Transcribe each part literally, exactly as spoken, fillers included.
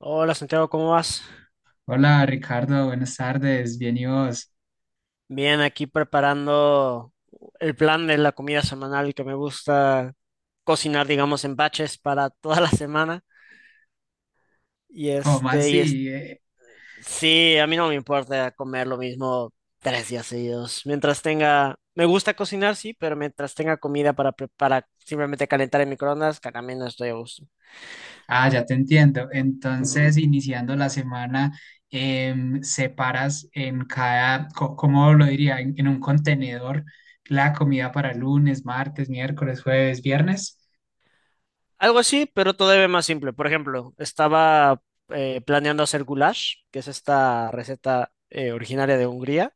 Hola Santiago, ¿cómo vas? Hola Ricardo, buenas tardes, bien y vos. Bien, aquí preparando el plan de la comida semanal que me gusta cocinar, digamos, en batches para toda la semana. Y ¿Cómo este, y es, así? Eh, sí, a mí no me importa comer lo mismo tres días seguidos. Mientras tenga, me gusta cocinar, sí, pero mientras tenga comida para, pre- para simplemente calentar en microondas, que también no estoy a gusto. ah, ya te entiendo. Entonces, iniciando la semana, em, separas en cada, co- ¿cómo lo diría? En, en un contenedor la comida para lunes, martes, miércoles, jueves, viernes. Algo así, pero todavía más simple. Por ejemplo, estaba eh, planeando hacer goulash, que es esta receta eh, originaria de Hungría.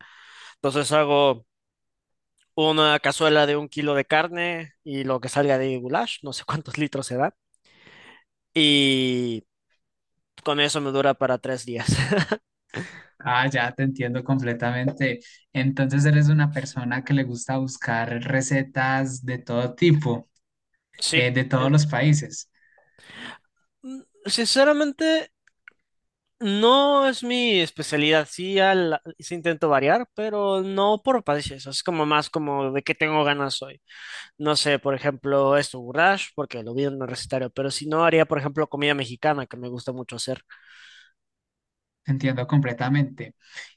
Entonces hago una cazuela de un kilo de carne y lo que salga de goulash, no sé cuántos litros se da. Y con eso me dura para tres días. Ah, ya te entiendo completamente. Entonces, eres una persona que le gusta buscar recetas de todo tipo, Sí, eh, de todos eh, los países. mm, sinceramente no es mi especialidad. Sí, al- sí intento variar, pero no por países. Es como más como de qué tengo ganas hoy. No sé, por ejemplo, esto, goulash, porque lo vi en el recetario, pero si no, haría, por ejemplo, comida mexicana, que me gusta mucho hacer. Entiendo completamente.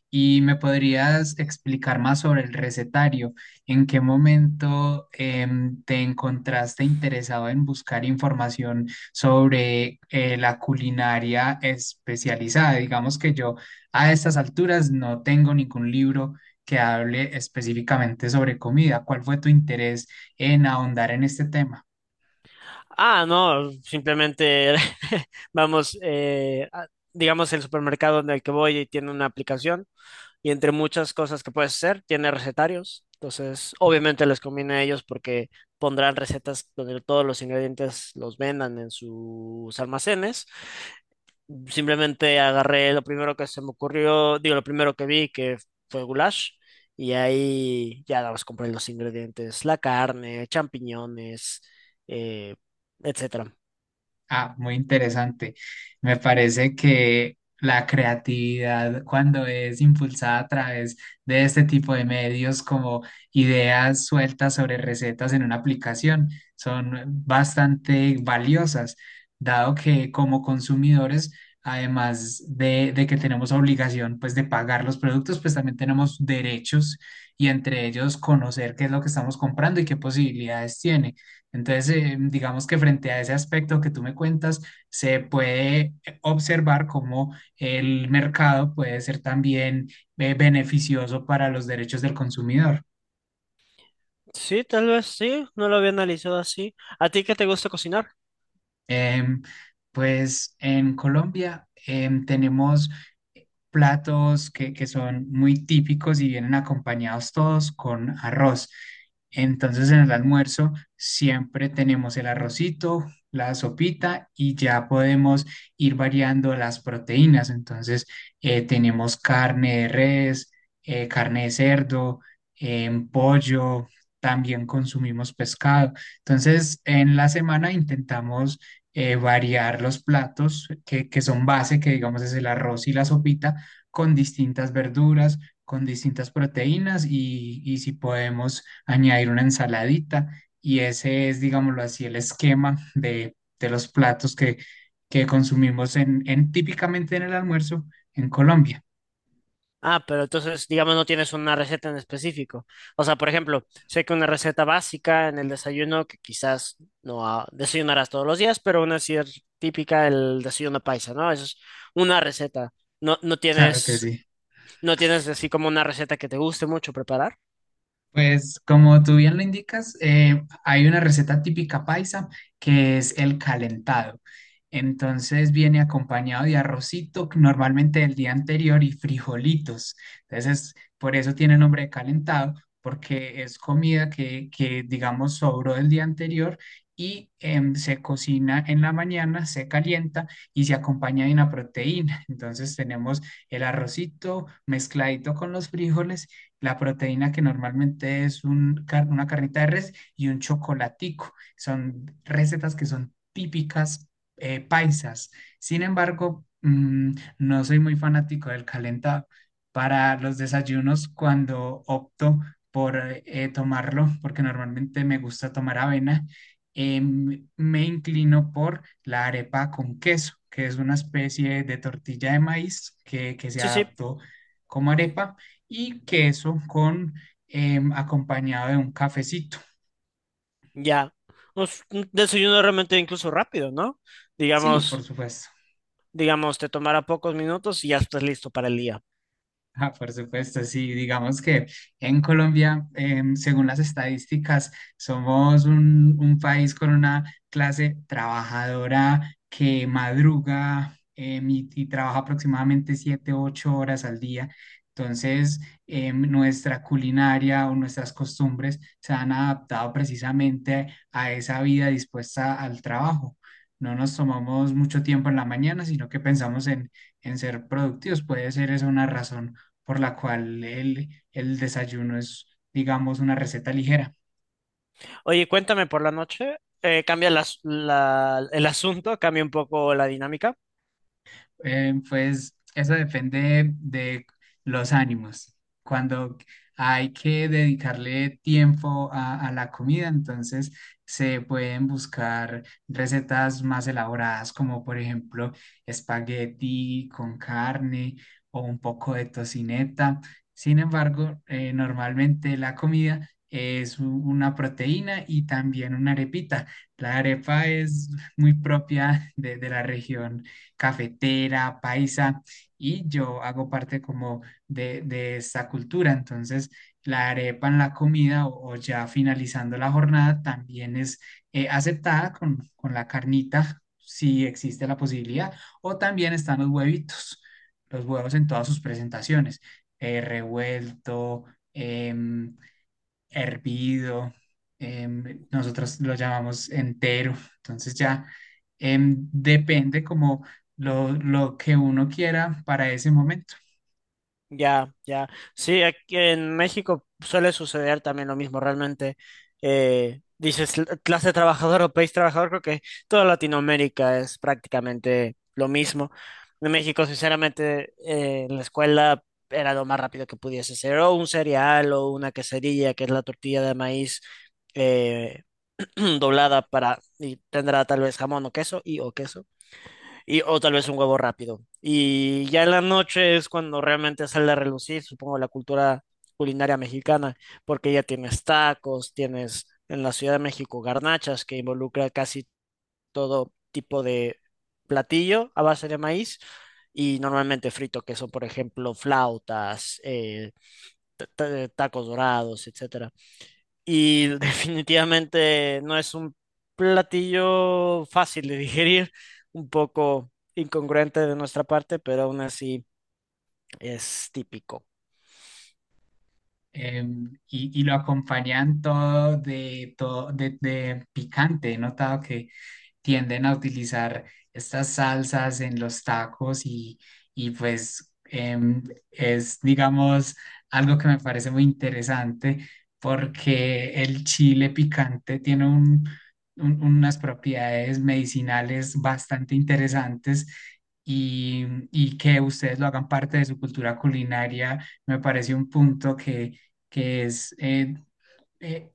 ¿Y me podrías explicar más sobre el recetario? ¿En qué momento em, te encontraste interesado en buscar información sobre eh, la culinaria especializada? Digamos que yo a estas alturas no tengo ningún libro que hable específicamente sobre comida. ¿Cuál fue tu interés en ahondar en este tema? Ah, no, simplemente vamos, eh, a- digamos, el supermercado en el que voy tiene una aplicación y entre muchas cosas que puedes hacer, tiene recetarios. Entonces, obviamente les conviene a ellos porque pondrán recetas donde todos los ingredientes los vendan en sus almacenes. Simplemente agarré lo primero que se me ocurrió, digo, lo primero que vi que fue goulash, y ahí ya nada más compré los ingredientes, la carne, champiñones, eh, etcétera. Ah, muy interesante. Me parece que la creatividad, cuando es impulsada a través de este tipo de medios, como ideas sueltas sobre recetas en una aplicación, son bastante valiosas, dado que como consumidores, además de, de que tenemos obligación pues de pagar los productos, pues también tenemos derechos y entre ellos conocer qué es lo que estamos comprando y qué posibilidades tiene. Entonces, eh, digamos que frente a ese aspecto que tú me cuentas, se puede eh, observar cómo el mercado puede ser también eh, beneficioso para los derechos del consumidor. Sí, tal vez sí, no lo había analizado así. ¿A ti qué te gusta cocinar? Em, pues en Colombia em, tenemos platos que, que son muy típicos y vienen acompañados todos con arroz. Entonces en el almuerzo siempre tenemos el arrocito, la sopita y ya podemos ir variando las proteínas. Entonces eh, tenemos carne de res, eh, carne de cerdo, em, pollo, también consumimos pescado. Entonces en la semana intentamos eh, variar los platos que, que son base, que digamos es el arroz y la sopita, con distintas verduras, con distintas proteínas y, y si podemos añadir una ensaladita. Y ese es, digámoslo así, el esquema de, de los platos que, que consumimos en, en típicamente en el almuerzo en Colombia. Ah, pero entonces, digamos, no tienes una receta en específico. O sea, por ejemplo, sé que una receta básica en el desayuno, que quizás no ah, desayunarás todos los días, pero una sí es típica el desayuno paisa, ¿no? Eso es una receta. No, no Claro que tienes, sí. no tienes así como una receta que te guste mucho preparar. Pues como tú bien lo indicas, eh, hay una receta típica paisa que es el calentado. Entonces viene acompañado de arrocito, normalmente del día anterior, y frijolitos. Entonces, por eso tiene el nombre de calentado, porque es comida que, que digamos, sobró del día anterior y em, se cocina en la mañana, se calienta y se acompaña de una proteína. Entonces tenemos el arrocito mezcladito con los frijoles, la proteína que normalmente es un car- una carnita de res y un chocolatico. Son recetas que son típicas eh, paisas. Sin embargo, mm, no soy muy fanático del calentado. Para los desayunos, cuando opto por eh, tomarlo, porque normalmente me gusta tomar avena, em, me inclino por la arepa con queso, que es una especie de tortilla de maíz que, que se Sí, sí, adaptó como arepa y queso con em, acompañado de un cafecito. ya. Pues, un desayuno realmente incluso rápido, ¿no? Sí, por Digamos, supuesto. digamos, te tomará pocos minutos y ya estás listo para el día. Ah, por supuesto, sí, digamos que en Colombia, em, según las estadísticas, somos un, un país con una clase trabajadora que madruga em, y, y trabaja aproximadamente siete u ocho horas al día. Entonces, em, nuestra culinaria o nuestras costumbres se han adaptado precisamente a esa vida dispuesta al trabajo. No nos tomamos mucho tiempo en la mañana, sino que pensamos en, en ser productivos. Puede ser esa una razón por la cual el, el desayuno es, digamos, una receta ligera. Oye, cuéntame por la noche, eh, cambia las- la- el asunto, cambia un poco la dinámica. Eh, pues eso depende de los ánimos. Cuando hay que dedicarle tiempo a, a la comida, entonces se pueden buscar recetas más elaboradas, como por ejemplo espagueti con carne o un poco de tocineta. Sin embargo, eh, normalmente la comida es u- una proteína y también una arepita. La arepa es muy propia de de la región cafetera, paisa, y yo hago parte como de, de esta cultura. Entonces, la arepa en la comida o, o ya finalizando la jornada también es eh, aceptada con, con la carnita, si existe la posibilidad, o también están los huevitos, los huevos en todas sus presentaciones, eh, revuelto. em, hervido, em, nosotros lo llamamos entero, entonces ya em, depende como lo, lo que uno quiera para ese momento. Ya, ya. Sí, aquí en México suele suceder también lo mismo, realmente. Eh, dices: "L- Clase trabajadora o país trabajador", creo que toda Latinoamérica es prácticamente lo mismo. En México, sinceramente, eh, en la escuela era lo más rápido que pudiese ser, o un cereal o una quesadilla, que es la tortilla de maíz. Eh, doblada para, y tendrá tal vez jamón o queso y o queso, y o tal vez un huevo rápido. Y ya en la noche es cuando realmente sale a relucir, supongo, la cultura culinaria mexicana, porque ya tienes tacos, tienes en la Ciudad de México garnachas que involucra casi todo tipo de platillo a base de maíz. Y normalmente frito, que son, por ejemplo, flautas, eh, ta- tacos dorados, etcétera, y definitivamente no es un platillo fácil de digerir, un poco incongruente de nuestra parte, pero aún así es típico. Em, y, y lo acompañan todo de, todo de, de picante. He notado que tienden a utilizar estas salsas en los tacos y, y pues em, es, digamos, algo que me parece muy interesante porque el chile picante tiene un- un- unas propiedades medicinales bastante interesantes. Y, y que ustedes lo hagan parte de su cultura culinaria, me parece un punto que es eh, eh,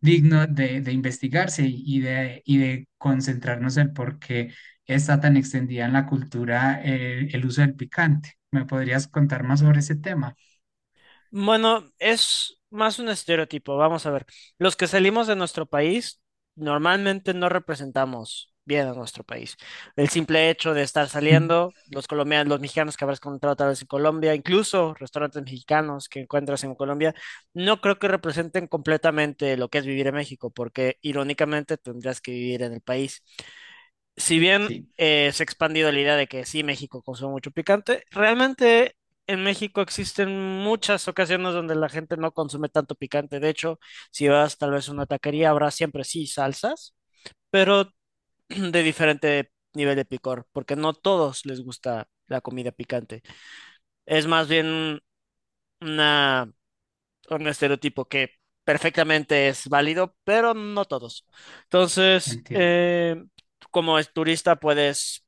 digno de, de investigarse y de, y de concentrarnos en por qué está tan extendida en la cultura eh, el uso del picante. ¿Me podrías contar más sobre ese tema? Bueno, es más un estereotipo. Vamos a ver. Los que salimos de nuestro país normalmente no representamos bien a nuestro país. El simple hecho de estar saliendo, los colombianos, los mexicanos que habrás encontrado tal vez en Colombia, incluso restaurantes mexicanos que encuentras en Colombia, no creo que representen completamente lo que es vivir en México, porque irónicamente tendrías que vivir en el país. Si bien Sí, eh, se ha expandido la idea de que sí, México consume mucho picante, realmente en México existen muchas ocasiones donde la gente no consume tanto picante. De hecho, si vas tal vez a una taquería, habrá siempre sí salsas, pero de diferente nivel de picor, porque no todos les gusta la comida picante. Es más bien una, un estereotipo que perfectamente es válido, pero no todos. Entonces, entiendo. eh, como es turista, puedes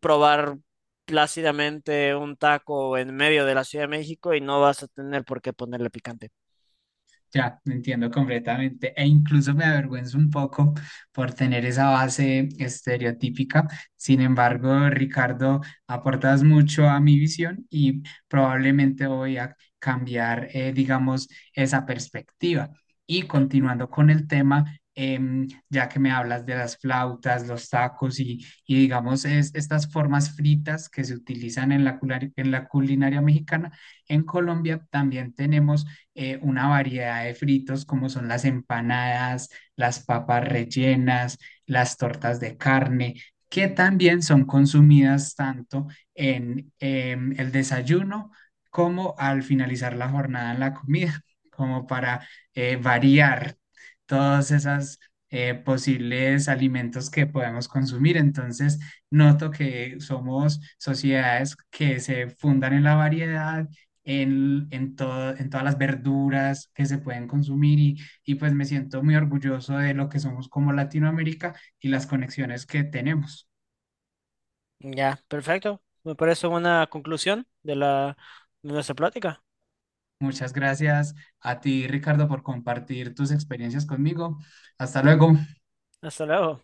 probar plácidamente un taco en medio de la Ciudad de México y no vas a tener por qué ponerle picante. Ya, entiendo completamente. E incluso me avergüenzo un poco por tener esa base estereotípica. Sin embargo, Ricardo, aportas mucho a mi visión y probablemente voy a cambiar, eh, digamos, esa perspectiva. Y continuando con el tema, em, ya que me hablas de las flautas, los tacos y, y digamos, es- estas formas fritas que se utilizan en la, culari- en la culinaria mexicana, en Colombia también tenemos eh, una variedad de fritos como son las empanadas, las papas rellenas, las tortas de carne, que también son consumidas tanto en em, el desayuno como al finalizar la jornada en la comida, como para eh, variar todos esos posibles alimentos que podemos consumir. Entonces, noto que somos sociedades que se fundan en la variedad en, en, todo, en todas las verduras que se pueden consumir y, y pues me siento muy orgulloso de lo que somos como Latinoamérica y las conexiones que tenemos. Ya, perfecto. Me parece una conclusión de la, de nuestra plática. Muchas gracias a ti, Ricardo, por compartir tus experiencias conmigo. Hasta luego. Hasta luego.